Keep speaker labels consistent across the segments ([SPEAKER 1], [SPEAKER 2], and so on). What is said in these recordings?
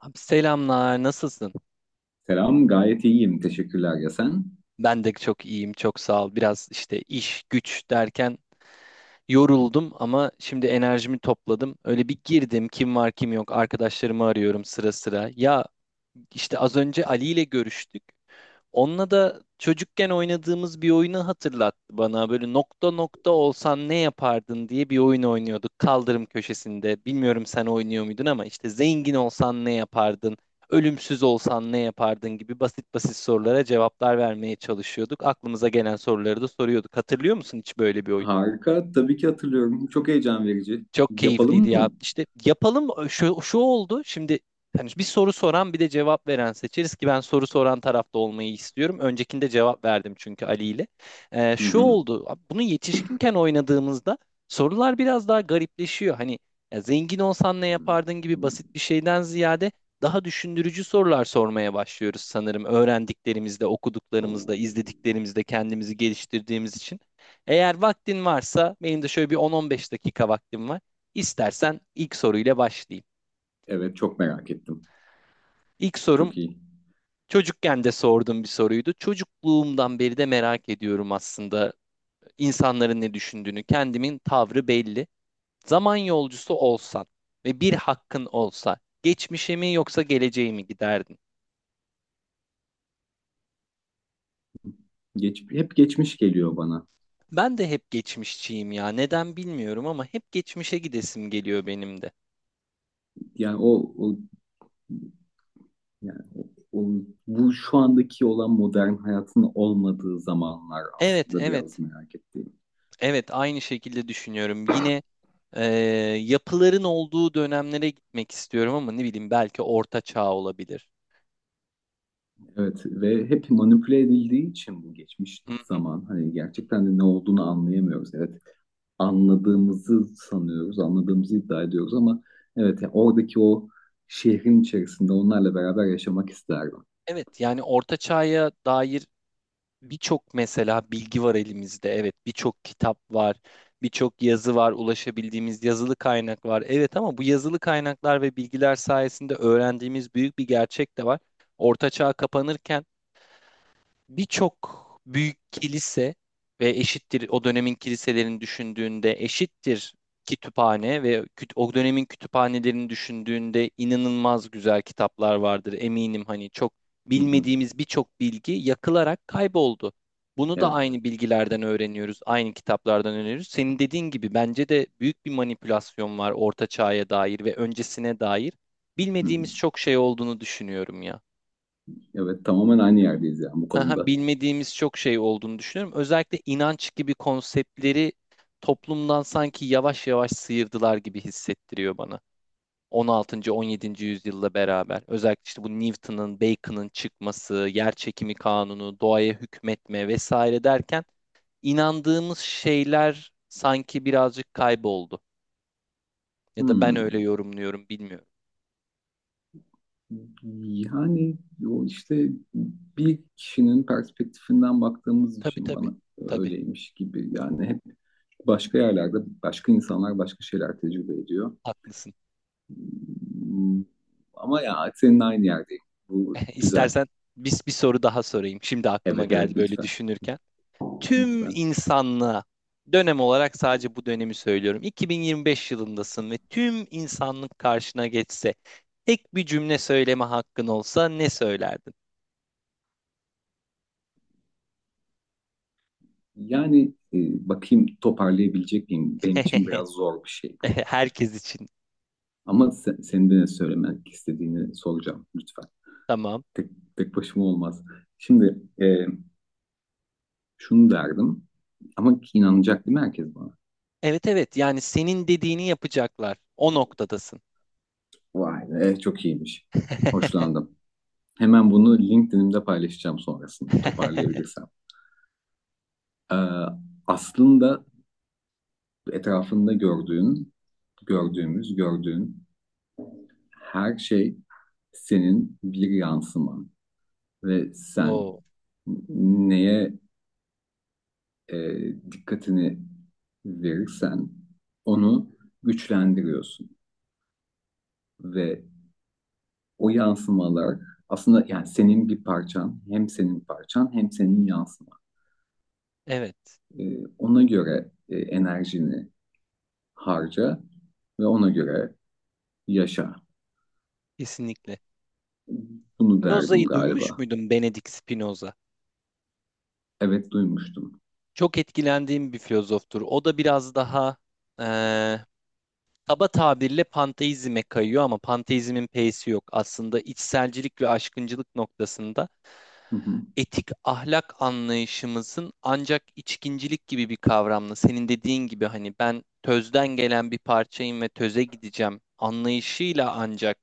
[SPEAKER 1] Abi selamlar, nasılsın?
[SPEAKER 2] Selam, gayet iyiyim. Teşekkürler ya sen?
[SPEAKER 1] Ben de çok iyiyim, çok sağ ol. Biraz işte iş, güç derken yoruldum ama şimdi enerjimi topladım. Öyle bir girdim, kim var kim yok, arkadaşlarımı arıyorum sıra sıra. Ya işte az önce Ali ile görüştük. Onunla da çocukken oynadığımız bir oyunu hatırlattı bana. Böyle nokta nokta olsan ne yapardın diye bir oyun oynuyorduk kaldırım köşesinde. Bilmiyorum sen oynuyor muydun ama işte zengin olsan ne yapardın? Ölümsüz olsan ne yapardın gibi basit basit sorulara cevaplar vermeye çalışıyorduk. Aklımıza gelen soruları da soruyorduk. Hatırlıyor musun hiç böyle bir oyun?
[SPEAKER 2] Harika, tabii ki hatırlıyorum. Çok heyecan verici.
[SPEAKER 1] Çok keyifliydi
[SPEAKER 2] Yapalım
[SPEAKER 1] ya.
[SPEAKER 2] mı?
[SPEAKER 1] İşte yapalım şu oldu. Şimdi hani bir soru soran bir de cevap veren seçeriz ki ben soru soran tarafta olmayı istiyorum. Öncekinde cevap verdim çünkü Ali ile.
[SPEAKER 2] Hı
[SPEAKER 1] Şu
[SPEAKER 2] hı.
[SPEAKER 1] oldu. Bunu yetişkinken oynadığımızda sorular biraz daha garipleşiyor. Hani ya zengin olsan ne yapardın gibi
[SPEAKER 2] Hı.
[SPEAKER 1] basit bir şeyden ziyade daha düşündürücü sorular sormaya başlıyoruz sanırım. Öğrendiklerimizde, okuduklarımızda, izlediklerimizde kendimizi geliştirdiğimiz için. Eğer vaktin varsa benim de şöyle bir 10-15 dakika vaktim var. İstersen ilk soruyla başlayayım.
[SPEAKER 2] Evet, çok merak ettim.
[SPEAKER 1] İlk sorum
[SPEAKER 2] Çok iyi.
[SPEAKER 1] çocukken de sorduğum bir soruydu. Çocukluğumdan beri de merak ediyorum aslında insanların ne düşündüğünü. Kendimin tavrı belli. Zaman yolcusu olsan ve bir hakkın olsa geçmişe mi yoksa geleceğe mi giderdin?
[SPEAKER 2] Hep geçmiş geliyor bana.
[SPEAKER 1] Ben de hep geçmişçiyim ya. Neden bilmiyorum ama hep geçmişe gidesim geliyor benim de.
[SPEAKER 2] Yani o, o, yani o bu şu andaki olan modern hayatın olmadığı zamanlar
[SPEAKER 1] Evet,
[SPEAKER 2] aslında biraz
[SPEAKER 1] evet.
[SPEAKER 2] merak ettiğim.
[SPEAKER 1] Evet, aynı şekilde düşünüyorum. Yine e, yapıların olduğu dönemlere gitmek istiyorum ama ne bileyim belki Orta Çağ olabilir.
[SPEAKER 2] Evet ve hep manipüle edildiği için bu geçmiş
[SPEAKER 1] Hı hı.
[SPEAKER 2] zaman hani gerçekten de ne olduğunu anlayamıyoruz. Evet, anladığımızı sanıyoruz, anladığımızı iddia ediyoruz ama evet, ya oradaki o şehrin içerisinde onlarla beraber yaşamak isterdim.
[SPEAKER 1] Evet, yani Orta Çağ'a dair birçok mesela bilgi var elimizde. Evet, birçok kitap var, birçok yazı var, ulaşabildiğimiz yazılı kaynak var. Evet ama bu yazılı kaynaklar ve bilgiler sayesinde öğrendiğimiz büyük bir gerçek de var. Orta Çağ kapanırken birçok büyük kilise ve eşittir o dönemin kiliselerini düşündüğünde eşittir kütüphane ve o dönemin kütüphanelerini düşündüğünde inanılmaz güzel kitaplar vardır eminim, hani çok
[SPEAKER 2] Hı hı.
[SPEAKER 1] bilmediğimiz birçok bilgi yakılarak kayboldu. Bunu da
[SPEAKER 2] Evet.
[SPEAKER 1] aynı bilgilerden öğreniyoruz, aynı kitaplardan öğreniyoruz. Senin dediğin gibi bence de büyük bir manipülasyon var Orta Çağ'a dair ve öncesine dair.
[SPEAKER 2] Hı hı.
[SPEAKER 1] Bilmediğimiz çok şey olduğunu düşünüyorum ya,
[SPEAKER 2] Evet, tamamen aynı yerdeyiz yani bu
[SPEAKER 1] haha,
[SPEAKER 2] konuda.
[SPEAKER 1] bilmediğimiz çok şey olduğunu düşünüyorum. Özellikle inanç gibi konseptleri toplumdan sanki yavaş yavaş sıyırdılar gibi hissettiriyor bana. 16. 17. yüzyılla beraber özellikle işte bu Newton'ın, Bacon'ın çıkması, yer çekimi kanunu, doğaya hükmetme vesaire derken inandığımız şeyler sanki birazcık kayboldu. Ya da ben öyle
[SPEAKER 2] Hmm.
[SPEAKER 1] yorumluyorum, bilmiyorum.
[SPEAKER 2] Yani o işte bir kişinin perspektifinden baktığımız
[SPEAKER 1] Tabii
[SPEAKER 2] için
[SPEAKER 1] tabii.
[SPEAKER 2] bana
[SPEAKER 1] Tabii,
[SPEAKER 2] öyleymiş gibi, yani hep başka yerlerde başka insanlar başka şeyler tecrübe ediyor.
[SPEAKER 1] haklısın.
[SPEAKER 2] Hmm, ama ya senin aynı yerdeyim. Bu güzel.
[SPEAKER 1] İstersen biz bir soru daha sorayım. Şimdi aklıma
[SPEAKER 2] Evet,
[SPEAKER 1] geldi
[SPEAKER 2] evet,
[SPEAKER 1] böyle
[SPEAKER 2] lütfen.
[SPEAKER 1] düşünürken. Tüm
[SPEAKER 2] Lütfen.
[SPEAKER 1] insanlığa dönem olarak sadece bu dönemi söylüyorum. 2025 yılındasın ve tüm insanlık karşına geçse tek bir cümle söyleme hakkın olsa ne söylerdin?
[SPEAKER 2] Yani bakayım toparlayabilecek miyim? Benim için biraz zor bir şey bu.
[SPEAKER 1] Herkes için.
[SPEAKER 2] Ama sen, senin de ne söylemek istediğini soracağım lütfen.
[SPEAKER 1] Tamam.
[SPEAKER 2] Tek, Tek başıma olmaz. Şimdi şunu derdim ama inanacak değil mi herkes bana?
[SPEAKER 1] Evet evet, yani senin dediğini yapacaklar. O noktadasın.
[SPEAKER 2] Vay be, çok iyiymiş. Hoşlandım. Hemen bunu LinkedIn'imde paylaşacağım sonrasında toparlayabilirsem. E, Aslında etrafında gördüğümüz her şey senin bir yansıman ve sen
[SPEAKER 1] Oo,
[SPEAKER 2] neye e, dikkatini verirsen onu güçlendiriyorsun ve o yansımalar aslında, yani senin bir parçan, hem senin parçan hem senin yansıman.
[SPEAKER 1] evet,
[SPEAKER 2] Ona göre enerjini harca ve ona göre yaşa.
[SPEAKER 1] kesinlikle.
[SPEAKER 2] Bunu derdim
[SPEAKER 1] Spinoza'yı duymuş
[SPEAKER 2] galiba.
[SPEAKER 1] muydun, Benedict Spinoza?
[SPEAKER 2] Evet, duymuştum.
[SPEAKER 1] Çok etkilendiğim bir filozoftur. O da biraz daha eee, kaba tabirle panteizme kayıyor ama panteizmin p'si yok. Aslında içselcilik ve aşkıncılık noktasında
[SPEAKER 2] Hı hı.
[SPEAKER 1] etik ahlak anlayışımızın ancak içkincilik gibi bir kavramla, senin dediğin gibi hani ben tözden gelen bir parçayım ve töze gideceğim anlayışıyla ancak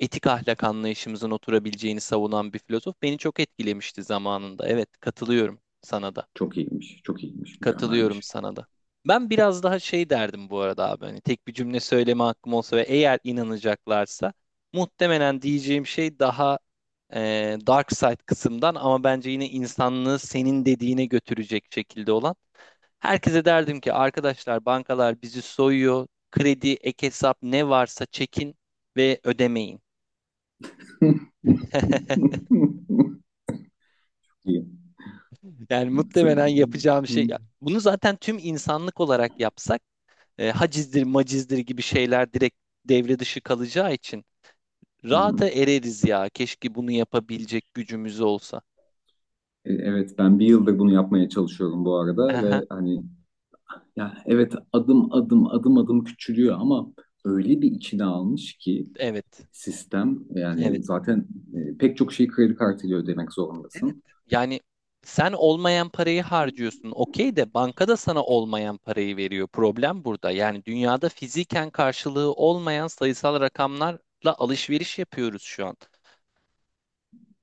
[SPEAKER 1] etik ahlak anlayışımızın oturabileceğini savunan bir filozof beni çok etkilemişti zamanında. Evet, katılıyorum sana da.
[SPEAKER 2] Çok iyiymiş, çok iyiymiş,
[SPEAKER 1] Katılıyorum
[SPEAKER 2] mükemmelmiş.
[SPEAKER 1] sana da. Ben biraz daha şey derdim bu arada abi. Hani tek bir cümle söyleme hakkım olsa ve eğer inanacaklarsa muhtemelen diyeceğim şey daha dark side kısımdan ama bence yine insanlığı senin dediğine götürecek şekilde olan. Herkese derdim ki arkadaşlar, bankalar bizi soyuyor. Kredi, ek hesap ne varsa çekin ve ödemeyin.
[SPEAKER 2] İyi.
[SPEAKER 1] Yani muhtemelen yapacağım şey. Bunu zaten tüm insanlık olarak yapsak hacizdir macizdir gibi şeyler direkt devre dışı kalacağı için rahata ereriz ya. Keşke bunu yapabilecek gücümüz olsa.
[SPEAKER 2] Evet, ben bir yıldır bunu yapmaya çalışıyorum bu arada
[SPEAKER 1] Aha,
[SPEAKER 2] ve hani ya evet, adım adım küçülüyor ama öyle bir içine almış ki
[SPEAKER 1] evet,
[SPEAKER 2] sistem,
[SPEAKER 1] evet,
[SPEAKER 2] yani zaten pek çok şeyi kredi kartıyla ödemek
[SPEAKER 1] evet.
[SPEAKER 2] zorundasın.
[SPEAKER 1] Yani sen olmayan parayı harcıyorsun. Okey de bankada sana olmayan parayı veriyor. Problem burada. Yani dünyada fiziken karşılığı olmayan sayısal rakamlarla alışveriş yapıyoruz şu an.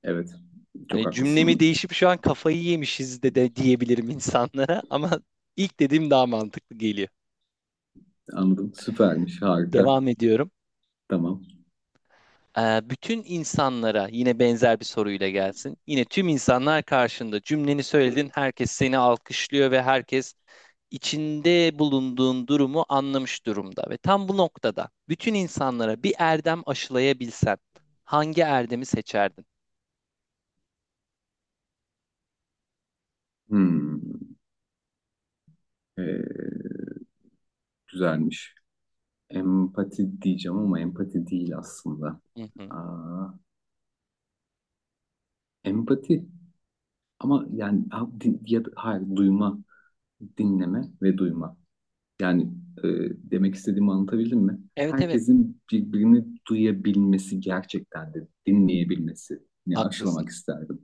[SPEAKER 2] Evet, çok
[SPEAKER 1] Hani cümlemi
[SPEAKER 2] haklısın.
[SPEAKER 1] değişip şu an kafayı yemişiz de diyebilirim insanlara ama ilk dediğim daha mantıklı geliyor.
[SPEAKER 2] Anladım. Süpermiş. Harika.
[SPEAKER 1] Devam ediyorum.
[SPEAKER 2] Tamam.
[SPEAKER 1] Bütün insanlara yine benzer bir soruyla gelsin. Yine tüm insanlar karşında cümleni söyledin, herkes seni alkışlıyor ve herkes içinde bulunduğun durumu anlamış durumda. Ve tam bu noktada bütün insanlara bir erdem aşılayabilsen hangi erdemi seçerdin?
[SPEAKER 2] Hmm, ee, güzelmiş. Empati diyeceğim ama empati değil aslında.
[SPEAKER 1] Hı hı.
[SPEAKER 2] Aa, empati ama yani ha, din- ya da- hayır, duyma, dinleme ve duyma. Yani e, demek istediğimi anlatabildim mi?
[SPEAKER 1] Evet evet,
[SPEAKER 2] Herkesin birbirini duyabilmesi, gerçekten de dinleyebilmesini
[SPEAKER 1] haklısın.
[SPEAKER 2] aşılamak isterdim.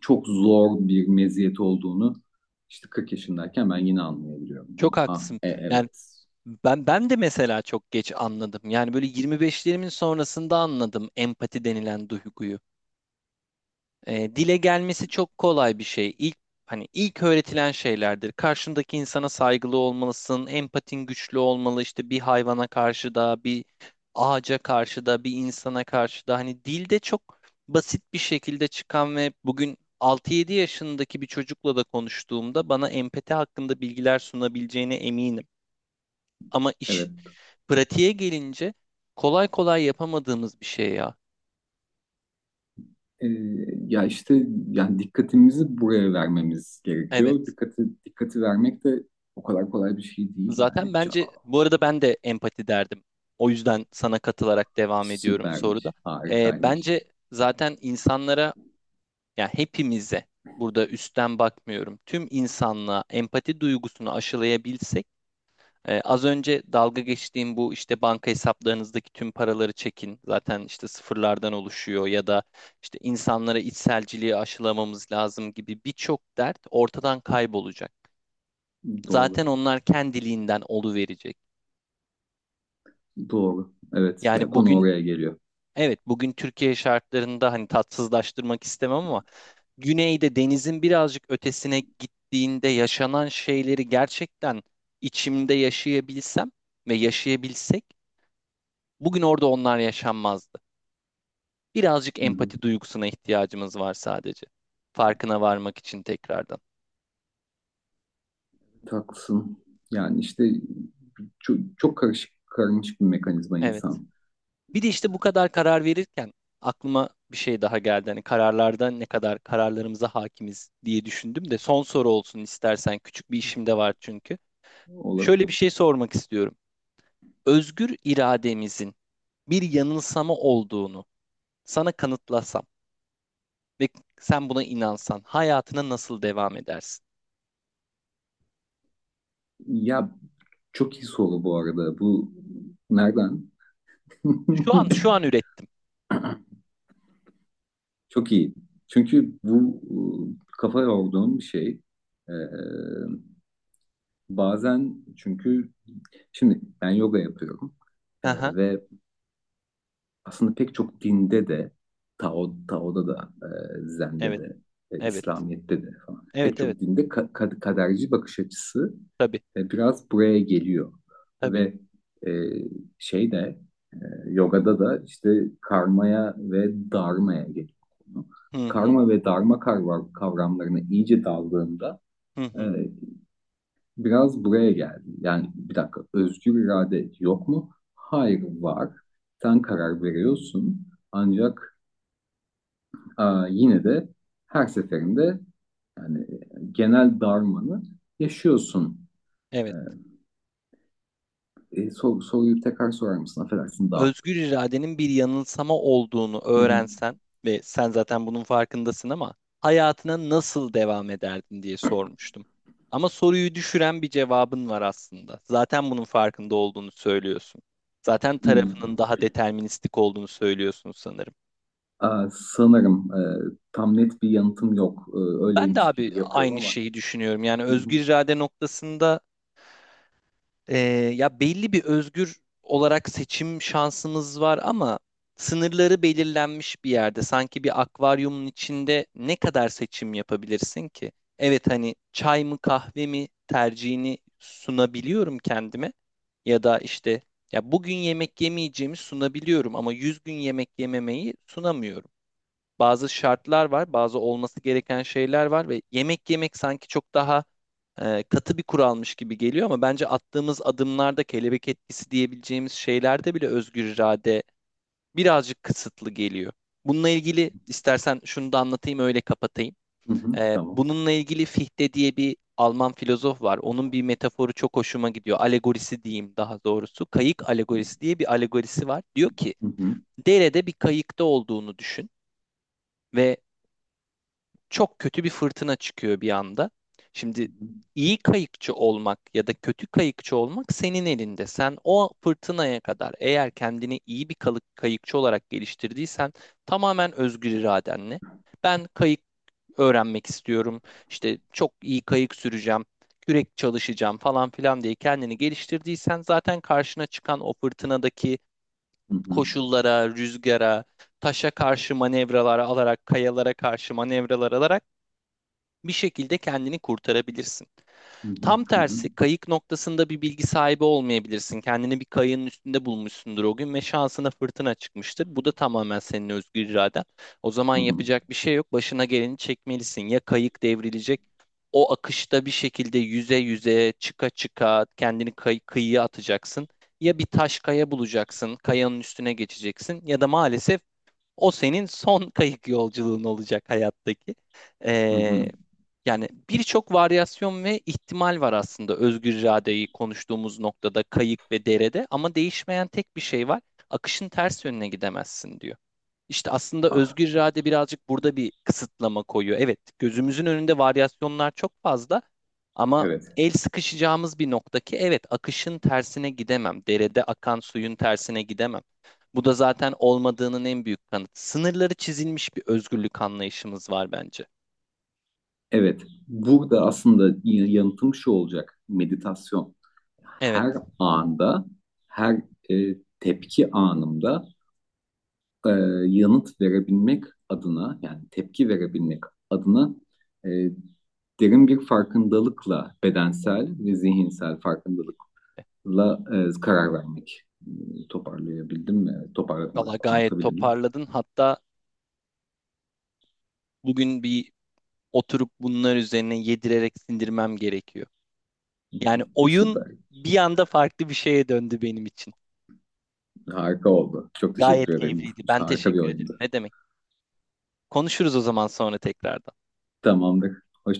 [SPEAKER 2] Çok zor bir meziyet olduğunu işte 40 yaşındayken ben yine anlayabiliyorum. Hani,
[SPEAKER 1] Çok
[SPEAKER 2] ha,
[SPEAKER 1] haklısın.
[SPEAKER 2] e,
[SPEAKER 1] Yani
[SPEAKER 2] evet,
[SPEAKER 1] ben de mesela çok geç anladım. Yani böyle 25'lerimin sonrasında anladım empati denilen duyguyu. Dile gelmesi çok kolay bir şey. İlk, hani ilk öğretilen şeylerdir. Karşındaki insana saygılı olmalısın, empatin güçlü olmalı. İşte bir hayvana karşı da, bir ağaca karşı da, bir insana karşı da. Hani dilde çok basit bir şekilde çıkan ve bugün 6-7 yaşındaki bir çocukla da konuştuğumda bana empati hakkında bilgiler sunabileceğine eminim. Ama iş
[SPEAKER 2] evet.
[SPEAKER 1] pratiğe gelince kolay kolay yapamadığımız bir şey ya.
[SPEAKER 2] E, Ya işte yani dikkatimizi buraya vermemiz gerekiyor.
[SPEAKER 1] Evet.
[SPEAKER 2] Dikkati vermek de o kadar kolay bir şey değil
[SPEAKER 1] Zaten
[SPEAKER 2] yani.
[SPEAKER 1] bence
[SPEAKER 2] Çok
[SPEAKER 1] bu arada ben de empati derdim. O yüzden sana katılarak devam ediyorum soruda.
[SPEAKER 2] süpermiş, harikaymış.
[SPEAKER 1] Bence zaten insanlara, yani hepimize, burada üstten bakmıyorum. Tüm insanlığa empati duygusunu aşılayabilsek az önce dalga geçtiğim bu işte banka hesaplarınızdaki tüm paraları çekin. Zaten işte sıfırlardan oluşuyor ya da işte insanlara içselciliği aşılamamız lazım gibi birçok dert ortadan kaybolacak.
[SPEAKER 2] Doğru.
[SPEAKER 1] Zaten onlar kendiliğinden oluverecek.
[SPEAKER 2] Doğru. Evet. Ya
[SPEAKER 1] Yani
[SPEAKER 2] konu
[SPEAKER 1] bugün,
[SPEAKER 2] oraya geliyor.
[SPEAKER 1] evet, bugün Türkiye şartlarında, hani tatsızlaştırmak istemem ama güneyde denizin birazcık ötesine gittiğinde yaşanan şeyleri gerçekten içimde yaşayabilsem ve yaşayabilsek bugün orada onlar yaşanmazdı. Birazcık
[SPEAKER 2] Hı hı.
[SPEAKER 1] empati duygusuna ihtiyacımız var sadece. Farkına varmak için tekrardan.
[SPEAKER 2] Haklısın. Yani işte çok karışık, karmaşık bir mekanizma
[SPEAKER 1] Evet.
[SPEAKER 2] insan
[SPEAKER 1] Bir de işte bu kadar karar verirken aklıma bir şey daha geldi. Hani kararlarda ne kadar kararlarımıza hakimiz diye düşündüm de son soru olsun istersen. Küçük bir işim de var çünkü.
[SPEAKER 2] olarak.
[SPEAKER 1] Şöyle bir şey sormak istiyorum. Özgür irademizin bir yanılsama olduğunu sana kanıtlasam ve sen buna inansan hayatına nasıl devam edersin?
[SPEAKER 2] Ya çok iyi soru bu arada. Bu nereden?
[SPEAKER 1] Şu an ürettim.
[SPEAKER 2] Çok iyi. Çünkü bu kafa yorduğum bir şey. Ee, Bazen çünkü şimdi ben yoga yapıyorum Ee,
[SPEAKER 1] Hı hı.
[SPEAKER 2] ve aslında pek çok dinde de Tao, Tao'da da Zen'de
[SPEAKER 1] Evet.
[SPEAKER 2] de
[SPEAKER 1] Evet.
[SPEAKER 2] İslamiyet'te de falan pek
[SPEAKER 1] Evet evet.
[SPEAKER 2] çok dinde kaderci bakış açısı
[SPEAKER 1] Tabii.
[SPEAKER 2] biraz buraya geliyor
[SPEAKER 1] Tabii.
[SPEAKER 2] ve e, şey de e, yogada da işte karmaya ve dharmaya geliyor.
[SPEAKER 1] Hı hı.
[SPEAKER 2] Karma ve dharma kavram- kavramlarına iyice daldığında
[SPEAKER 1] Hı
[SPEAKER 2] e,
[SPEAKER 1] hı.
[SPEAKER 2] biraz buraya geldi. Yani bir dakika, özgür irade yok mu? Hayır, var. Sen karar veriyorsun. Ancak aa, yine de her seferinde yani genel darmanı yaşıyorsun. Ee,
[SPEAKER 1] Evet.
[SPEAKER 2] Soruyu tekrar sorar mısın? Affedersin, dağıttım.
[SPEAKER 1] Özgür iradenin bir yanılsama olduğunu
[SPEAKER 2] Hı hı.
[SPEAKER 1] öğrensen ve sen zaten bunun farkındasın ama hayatına nasıl devam ederdin diye sormuştum. Ama soruyu düşüren bir cevabın var aslında. Zaten bunun farkında olduğunu söylüyorsun. Zaten
[SPEAKER 2] İyi.
[SPEAKER 1] tarafının daha deterministik olduğunu söylüyorsun sanırım.
[SPEAKER 2] Aa, sanırım tam net bir yanıtım yok.
[SPEAKER 1] Ben de
[SPEAKER 2] Öyleymiş
[SPEAKER 1] abi
[SPEAKER 2] gibi yapıyorum
[SPEAKER 1] aynı
[SPEAKER 2] ama.
[SPEAKER 1] şeyi düşünüyorum. Yani
[SPEAKER 2] Hı hı.
[SPEAKER 1] özgür irade noktasında Ee, ya belli bir özgür olarak seçim şansımız var ama sınırları belirlenmiş bir yerde. Sanki bir akvaryumun içinde ne kadar seçim yapabilirsin ki? Evet, hani çay mı kahve mi tercihini sunabiliyorum kendime ya da işte ya bugün yemek yemeyeceğimi sunabiliyorum ama 100 gün yemek yememeyi sunamıyorum, bazı şartlar var, bazı olması gereken şeyler var ve yemek yemek sanki çok daha katı bir kuralmış gibi geliyor ama bence attığımız adımlarda kelebek etkisi diyebileceğimiz şeylerde bile özgür irade birazcık kısıtlı geliyor. Bununla ilgili istersen şunu da anlatayım, öyle kapatayım.
[SPEAKER 2] Hı hı. Tamam.
[SPEAKER 1] Bununla ilgili Fichte diye bir Alman filozof var. Onun bir metaforu çok hoşuma gidiyor. Alegorisi diyeyim daha doğrusu. Kayık alegorisi diye bir alegorisi var. Diyor ki
[SPEAKER 2] Hı hı.
[SPEAKER 1] derede bir kayıkta olduğunu düşün ve çok kötü bir fırtına çıkıyor bir anda. Şimdi
[SPEAKER 2] Hı hı.
[SPEAKER 1] iyi kayıkçı olmak ya da kötü kayıkçı olmak senin elinde. Sen o fırtınaya kadar eğer kendini iyi bir kayıkçı olarak geliştirdiysen tamamen özgür iradenle ben kayık öğrenmek istiyorum. İşte çok iyi kayık süreceğim, kürek çalışacağım falan filan diye kendini geliştirdiysen zaten karşına çıkan o fırtınadaki
[SPEAKER 2] Hı hı.
[SPEAKER 1] koşullara, rüzgara, taşa karşı manevralar alarak, kayalara karşı manevralar alarak bir şekilde kendini kurtarabilirsin.
[SPEAKER 2] Hı hı.
[SPEAKER 1] Tam
[SPEAKER 2] Hı hı.
[SPEAKER 1] tersi kayık noktasında bir bilgi sahibi olmayabilirsin. Kendini bir kayığın üstünde bulmuşsundur o gün ve şansına fırtına çıkmıştır. Bu da tamamen senin özgür iraden. O zaman
[SPEAKER 2] Hı hı.
[SPEAKER 1] yapacak bir şey yok. Başına geleni çekmelisin. Ya kayık devrilecek, o akışta bir şekilde yüze yüze çıka çıka kendini kıyıya atacaksın. Ya bir taş kaya bulacaksın, kayanın üstüne geçeceksin ya da maalesef o senin son kayık yolculuğun olacak hayattaki.
[SPEAKER 2] Hı
[SPEAKER 1] Ee,
[SPEAKER 2] hı.
[SPEAKER 1] Yani birçok varyasyon ve ihtimal var aslında özgür iradeyi konuştuğumuz noktada, kayık ve derede, ama değişmeyen tek bir şey var. Akışın ters yönüne gidemezsin diyor. İşte aslında
[SPEAKER 2] Ah.
[SPEAKER 1] özgür irade birazcık burada bir kısıtlama koyuyor. Evet, gözümüzün önünde varyasyonlar çok fazla ama
[SPEAKER 2] Evet,
[SPEAKER 1] el sıkışacağımız bir nokta ki evet, akışın tersine gidemem. Derede akan suyun tersine gidemem. Bu da zaten olmadığının en büyük kanıtı. Sınırları çizilmiş bir özgürlük anlayışımız var bence.
[SPEAKER 2] evet. Burada aslında yanıtım şu olacak. Meditasyon.
[SPEAKER 1] Evet.
[SPEAKER 2] Her anda, Her tepki anımda e, yanıt verebilmek adına, yani tepki verebilmek adına e, derin bir farkındalıkla, bedensel ve zihinsel farkındalıkla karar vermek. Toparlayabildim mi? Toparladım
[SPEAKER 1] Valla
[SPEAKER 2] galiba.
[SPEAKER 1] gayet
[SPEAKER 2] Anlatabildim mi?
[SPEAKER 1] toparladın. Hatta bugün bir oturup bunlar üzerine yedirerek sindirmem gerekiyor. Yani oyun
[SPEAKER 2] Süper.
[SPEAKER 1] bir anda farklı bir şeye döndü benim için.
[SPEAKER 2] Harika oldu. Çok teşekkür
[SPEAKER 1] Gayet
[SPEAKER 2] ederim.
[SPEAKER 1] keyifliydi. Ben
[SPEAKER 2] Harika bir
[SPEAKER 1] teşekkür ederim.
[SPEAKER 2] oyundu.
[SPEAKER 1] Ne demek? Konuşuruz o zaman sonra tekrardan.
[SPEAKER 2] Tamamdır. Hoşça